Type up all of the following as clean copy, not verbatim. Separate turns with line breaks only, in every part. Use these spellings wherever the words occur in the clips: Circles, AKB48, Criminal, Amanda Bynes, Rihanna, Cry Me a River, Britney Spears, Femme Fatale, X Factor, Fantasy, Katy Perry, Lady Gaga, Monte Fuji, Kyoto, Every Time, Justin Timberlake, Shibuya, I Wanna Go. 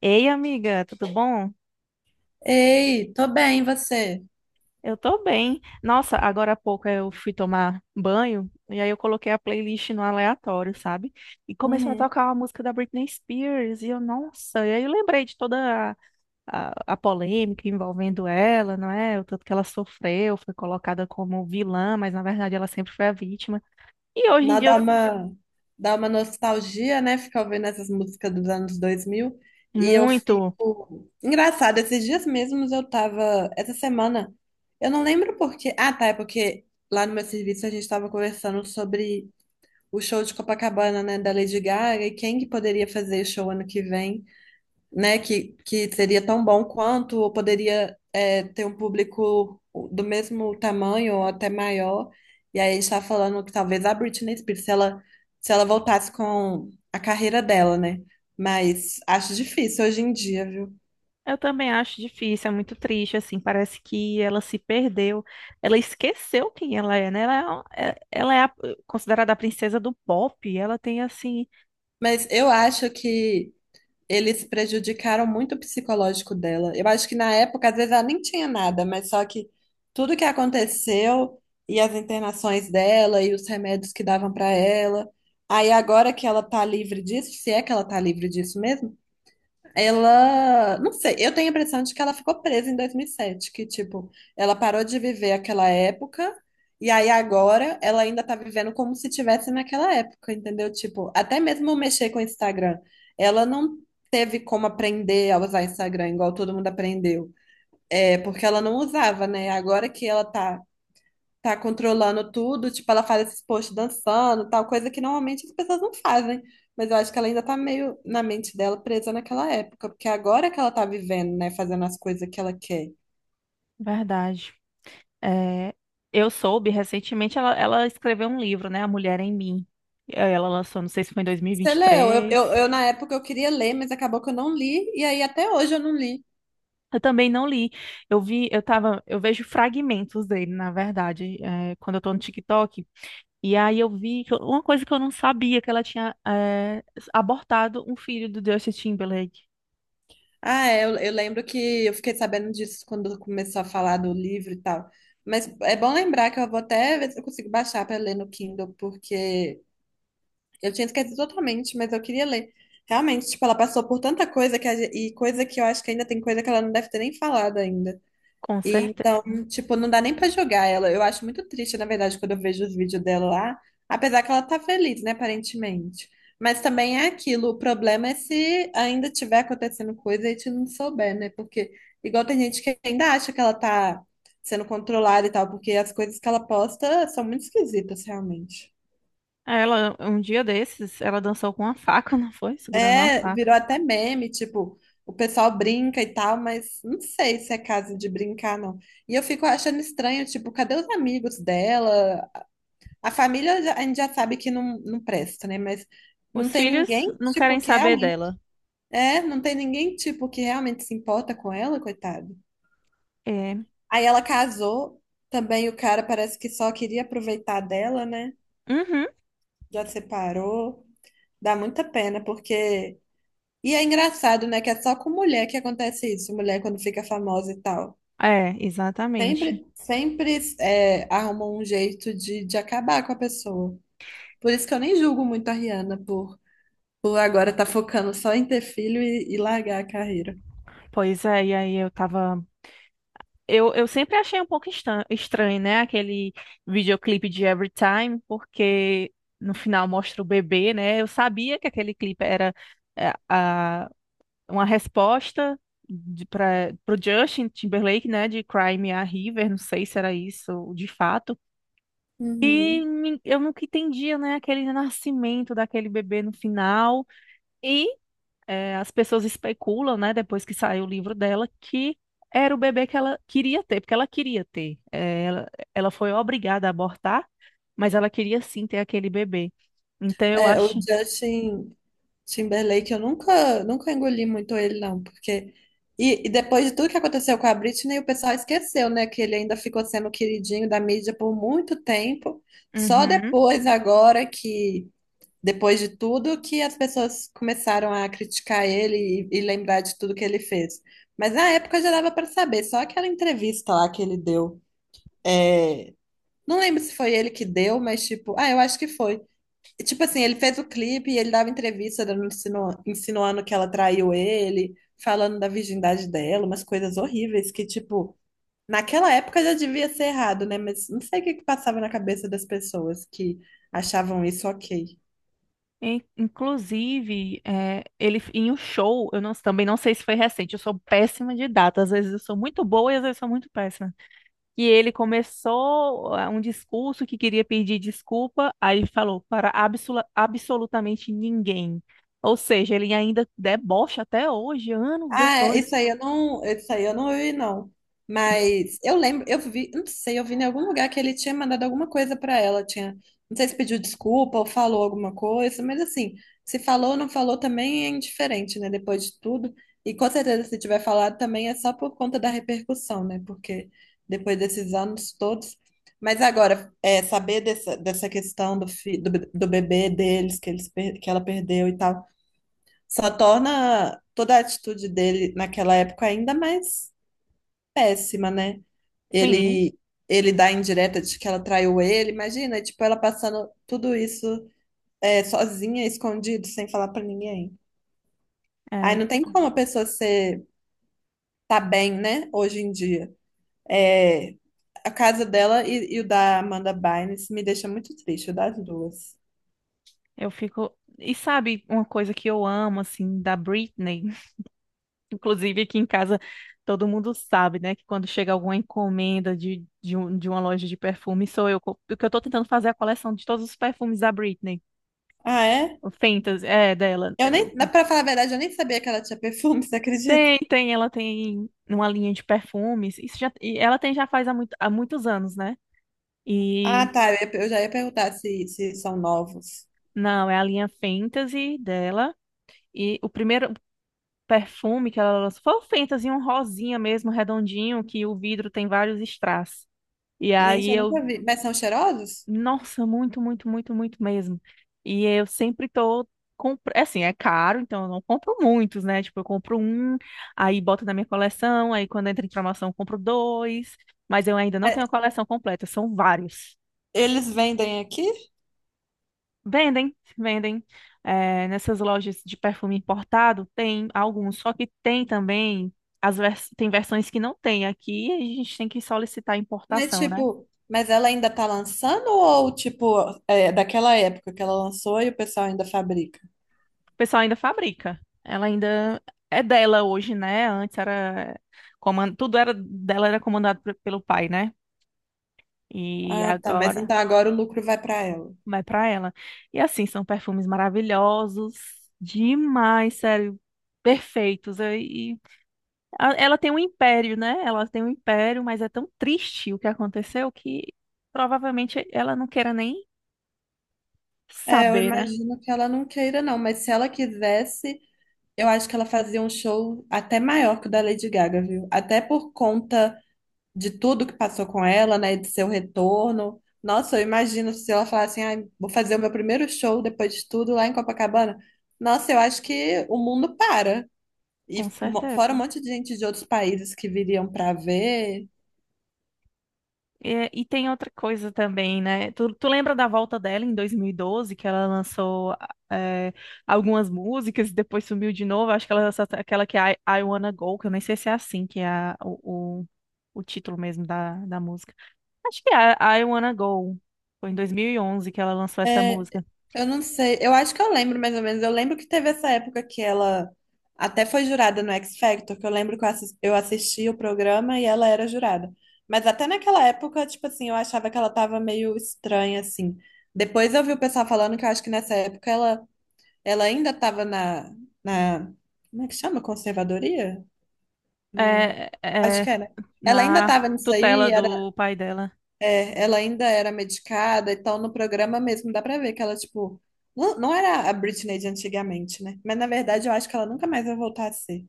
Ei, amiga, tudo bom?
Ei, tô bem, e você?
Eu tô bem. Nossa, agora há pouco eu fui tomar banho e aí eu coloquei a playlist no aleatório, sabe? E começou a
Uhum.
tocar uma música da Britney Spears e eu, nossa, e aí eu lembrei de toda a polêmica envolvendo ela, não é? O tanto que ela sofreu, foi colocada como vilã, mas na verdade ela sempre foi a vítima. E hoje em
Dá,
dia,
dá uma, dá uma nostalgia, né? Ficar ouvindo essas músicas dos anos dois mil. E eu
muito.
fico... Engraçado, esses dias mesmos eu tava... Essa semana, eu não lembro por quê. Ah, tá, é porque lá no meu serviço a gente tava conversando sobre o show de Copacabana, né? Da Lady Gaga e quem que poderia fazer show ano que vem. Né? Que seria tão bom quanto, ou poderia é, ter um público do mesmo tamanho ou até maior. E aí a gente está falando que talvez a Britney Spears, se ela voltasse com a carreira dela, né? Mas acho difícil hoje em dia, viu?
Eu também acho difícil, é muito triste, assim, parece que ela se perdeu, ela esqueceu quem ela é, né? Ela é considerada a princesa do pop, ela tem, assim,
Mas eu acho que eles prejudicaram muito o psicológico dela. Eu acho que na época, às vezes, ela nem tinha nada, mas só que tudo que aconteceu e as internações dela e os remédios que davam para ela. Aí agora que ela tá livre disso, se é que ela tá livre disso mesmo, ela, não sei, eu tenho a impressão de que ela ficou presa em 2007, que tipo, ela parou de viver aquela época e aí agora ela ainda tá vivendo como se tivesse naquela época, entendeu? Tipo, até mesmo mexer com o Instagram, ela não teve como aprender a usar Instagram igual todo mundo aprendeu. É, porque ela não usava, né? Agora que ela tá tá controlando tudo, tipo, ela faz esses posts dançando, tal, coisa que normalmente as pessoas não fazem. Mas eu acho que ela ainda tá meio na mente dela presa naquela época, porque agora que ela tá vivendo, né, fazendo as coisas que ela quer.
verdade. É, eu soube recentemente, ela escreveu um livro, né? A Mulher em Mim. Ela lançou, não sei se foi em
Você leu?
2023.
Na época eu queria ler, mas acabou que eu não li, e aí até hoje eu não li.
Eu também não li. Eu vi, eu tava, Eu vejo fragmentos dele, na verdade, quando eu tô no TikTok. E aí eu vi que uma coisa que eu não sabia, que ela tinha abortado um filho do Justin Timberlake.
Ah, é, eu lembro que eu fiquei sabendo disso quando começou a falar do livro e tal. Mas é bom lembrar que eu vou até ver se eu consigo baixar para ler no Kindle, porque eu tinha esquecido totalmente, mas eu queria ler. Realmente, tipo, ela passou por tanta coisa que e coisa que eu acho que ainda tem coisa que ela não deve ter nem falado ainda.
Com
E
certeza.
então, tipo, não dá nem pra jogar ela. Eu acho muito triste, na verdade, quando eu vejo os vídeos dela lá, apesar que ela tá feliz, né, aparentemente. Mas também é aquilo, o problema é se ainda tiver acontecendo coisa e a gente não souber, né? Porque igual tem gente que ainda acha que ela tá sendo controlada e tal, porque as coisas que ela posta são muito esquisitas, realmente.
Ela, um dia desses, ela dançou com uma faca, não foi? Segurando uma
É,
faca.
virou até meme, tipo, o pessoal brinca e tal, mas não sei se é caso de brincar, não. E eu fico achando estranho, tipo, cadê os amigos dela? A gente já sabe que não presta, né? Mas não
Os
tem
filhos
ninguém,
não
tipo,
querem
que
saber
realmente.
dela.
É, não tem ninguém, tipo, que realmente se importa com ela, coitado.
É.
Aí ela casou, também o cara parece que só queria aproveitar dela, né?
Uhum.
Já separou. Dá muita pena, porque. E é engraçado, né, que é só com mulher que acontece isso, mulher quando fica famosa e tal.
É, exatamente.
Sempre é, arrumam um jeito de acabar com a pessoa. Por isso que eu nem julgo muito a Rihanna por agora estar focando só em ter filho e largar a carreira.
Pois é, e aí eu tava. Eu sempre achei um pouco estranho, né? Aquele videoclipe de Every Time, porque no final mostra o bebê, né? Eu sabia que aquele clipe era uma resposta para o Justin Timberlake, né, de Cry Me a River, não sei se era isso de fato. E
Uhum.
eu nunca entendia, né, aquele nascimento daquele bebê no final. E é, as pessoas especulam, né, depois que saiu o livro dela, que era o bebê que ela queria ter, porque ela queria ter. É, ela foi obrigada a abortar, mas ela queria sim ter aquele bebê. Então eu
É, o
acho.
Justin. Timberlake, eu nunca engoli muito ele, não, porque. E depois de tudo que aconteceu com a Britney, o pessoal esqueceu, né, que ele ainda ficou sendo o queridinho da mídia por muito tempo. Só
Uhum.
depois, agora que. Depois de tudo, que as pessoas começaram a criticar ele e lembrar de tudo que ele fez. Mas na época já dava para saber, só aquela entrevista lá que ele deu. é, Não lembro se foi ele que deu, mas tipo, ah, eu acho que foi. Tipo assim, ele fez o clipe e ele dava entrevista insinuando que ela traiu ele, falando da virgindade dela, umas coisas horríveis que, tipo, naquela época já devia ser errado, né? Mas não sei o que que passava na cabeça das pessoas que achavam isso ok.
Inclusive, ele em um show, eu não- também não sei se foi recente, eu sou péssima de data, às vezes eu sou muito boa e às vezes eu sou muito péssima. E ele começou um discurso que queria pedir desculpa, aí ele falou para absolutamente ninguém. Ou seja, ele ainda debocha até hoje, anos
Ah, é,
depois.
isso aí eu não vi, não. Mas eu lembro, não sei, eu vi em algum lugar que ele tinha mandado alguma coisa pra ela, não sei se pediu desculpa ou falou alguma coisa, mas assim, se falou ou não falou também é indiferente, né, depois de tudo. E com certeza se tiver falado também é só por conta da repercussão, né, porque depois desses anos todos. Mas agora, é, saber dessa questão do, fi, do, be- do bebê deles, que ela perdeu e tal. Só torna toda a atitude dele naquela época ainda mais péssima, né?
Sim,
Ele, ele dá a indireta de que ela traiu ele, imagina, tipo, ela passando tudo isso é, sozinha, escondido, sem falar pra ninguém. Aí
é,
não tem como
então,
a pessoa ser, tá bem, né, hoje em dia. É, a casa dela e o da Amanda Bynes me deixa muito triste, o das duas.
eu fico. E sabe uma coisa que eu amo, assim, da Britney? Inclusive, aqui em casa, todo mundo sabe, né, que quando chega alguma encomenda de uma loja de perfume, sou eu. Porque eu tô tentando fazer é a coleção de todos os perfumes da Britney.
Ah, é?
O Fentas, é, dela.
Eu nem, na- pra falar a verdade, eu nem sabia que ela tinha perfume, você acredita?
Tem, tem, ela tem uma linha de perfumes. Isso já, e ela tem já faz há muitos anos, né?
Ah,
E,
tá. Eu já ia perguntar se, se são novos.
não, é a linha Fantasy dela. E o primeiro perfume que ela lançou foi o Fantasy, um rosinha mesmo, redondinho, que o vidro tem vários strass. E aí
Gente, eu
eu
nunca vi. Mas são cheirosos?
nossa, muito, muito, muito, muito mesmo. E eu sempre tô. Compro... é assim, é caro, então eu não compro muitos, né? Tipo, eu compro um, aí boto na minha coleção, aí quando entra em promoção eu compro dois, mas eu ainda não
É,
tenho a coleção completa, são vários.
eles vendem aqui?
Vendem, vendem. É, nessas lojas de perfume importado tem alguns, só que tem também, as vers... tem versões que não tem aqui, a gente tem que solicitar
Mas,
importação, né?
tipo, mas ela ainda tá lançando ou, tipo, é daquela época que ela lançou e o pessoal ainda fabrica?
O pessoal ainda fabrica. Ela ainda é dela hoje, né? Antes era tudo era dela era comandado pelo pai, né? E
Ah, tá. Mas
agora
então agora o lucro vai pra ela.
vai pra ela. E assim, são perfumes maravilhosos, demais, sério, perfeitos. E ela tem um império, né? Ela tem um império, mas é tão triste o que aconteceu que provavelmente ela não queira nem
É, eu
saber, né?
imagino que ela não queira, não. Mas se ela quisesse, eu acho que ela fazia um show até maior que o da Lady Gaga, viu? Até por conta. De tudo que passou com ela, né, de seu retorno. Nossa, eu imagino se ela falar assim, "Ai, vou fazer o meu primeiro show depois de tudo lá em Copacabana. Nossa, eu acho que o mundo para.
Com
E fora um
certeza.
monte de gente de outros países que viriam para ver.
É, e, tem outra coisa também, né? Tu lembra da volta dela em 2012, que ela lançou é, algumas músicas e depois sumiu de novo? Acho que ela lançou aquela que é I Wanna Go, que eu nem sei se é assim que é o título mesmo da, da música. Acho que é I Wanna Go. Foi em 2011 que ela lançou essa música.
Eu não sei, eu acho que eu lembro mais ou menos. Eu lembro que teve essa época que ela até foi jurada no X Factor, que eu lembro que eu assisti o programa e ela era jurada. Mas até naquela época, tipo assim, eu achava que ela tava meio estranha, assim. Depois eu vi o pessoal falando que eu acho que nessa época ela ainda tava na. Como é que chama? Conservadoria? Na,
É,
acho
é
que era. Ela ainda
na
tava nisso
tutela
aí,
do pai dela.
é, ela ainda era medicada, então no programa mesmo dá pra ver que ela, tipo, não era a Britney de antigamente, né? Mas na verdade eu acho que ela nunca mais vai voltar a ser.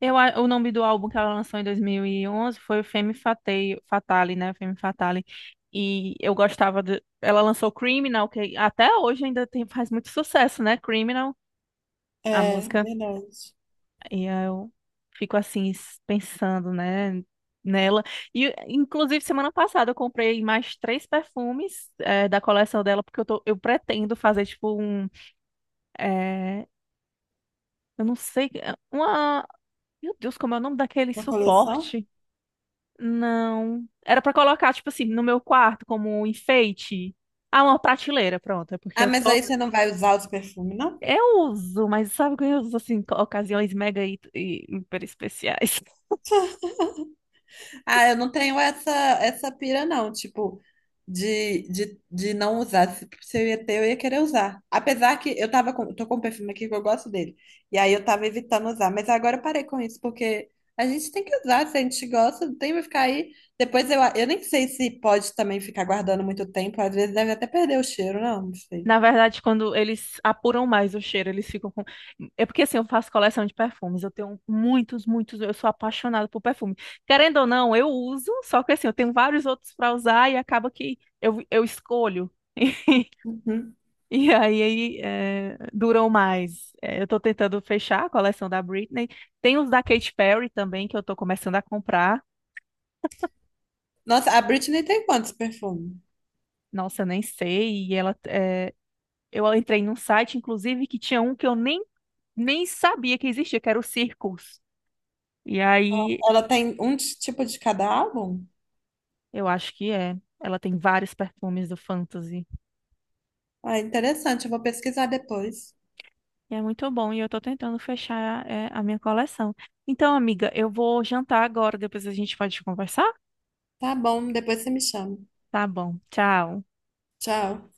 Eu, o nome do álbum que ela lançou em 2011 foi Femme Fatale, né? Femme Fatale. E eu gostava de... Ela lançou Criminal, que até hoje ainda tem, faz muito sucesso, né? Criminal, a
É,
música.
verdade.
E eu fico assim, pensando, né? Nela. E, inclusive, semana passada eu comprei mais três perfumes da coleção dela, porque eu pretendo fazer, tipo, um... eh, eu não sei... uma... Meu Deus, como é o nome daquele
Na coleção?
suporte? Não. Era pra colocar, tipo assim, no meu quarto como um enfeite. Ah, uma prateleira, pronto. É porque
Ah,
eu
mas
tô.
aí você não vai usar os perfumes, não?
Eu uso, mas sabe que eu uso assim, ocasiões mega e hiper especiais.
Ah, eu não tenho essa, essa pira, não, tipo, de não usar. Se eu ia ter, eu ia querer usar. Apesar que tô com um perfume aqui que eu gosto dele. E aí eu tava evitando usar. Mas agora eu parei com isso, porque a gente tem que usar. Se a gente gosta, não tem que ficar aí. Depois eu nem sei se pode também ficar guardando muito tempo. Às vezes deve até perder o cheiro, não sei.
Na verdade, quando eles apuram mais o cheiro, eles ficam com. É porque assim, eu faço coleção de perfumes. Eu tenho muitos, muitos. Eu sou apaixonada por perfume. Querendo ou não, eu uso, só que assim, eu tenho vários outros pra usar e acaba que eu escolho.
Uhum.
E aí, é, duram mais. É, eu tô tentando fechar a coleção da Britney. Tem os da Katy Perry também, que eu tô começando a comprar.
Nossa, a Britney tem quantos perfumes?
Nossa, eu nem sei. E ela, é, eu entrei num site, inclusive, que tinha um que eu nem sabia que existia, que era o Circles. E aí,
Ela tem um tipo de cada álbum?
eu acho que é. Ela tem vários perfumes do Fantasy.
Ah, interessante, eu vou pesquisar depois.
E é muito bom, e eu tô tentando fechar, é, a minha coleção. Então, amiga, eu vou jantar agora, depois a gente pode conversar?
Tá bom, depois você me chama.
Tá bom, tchau.
Tchau.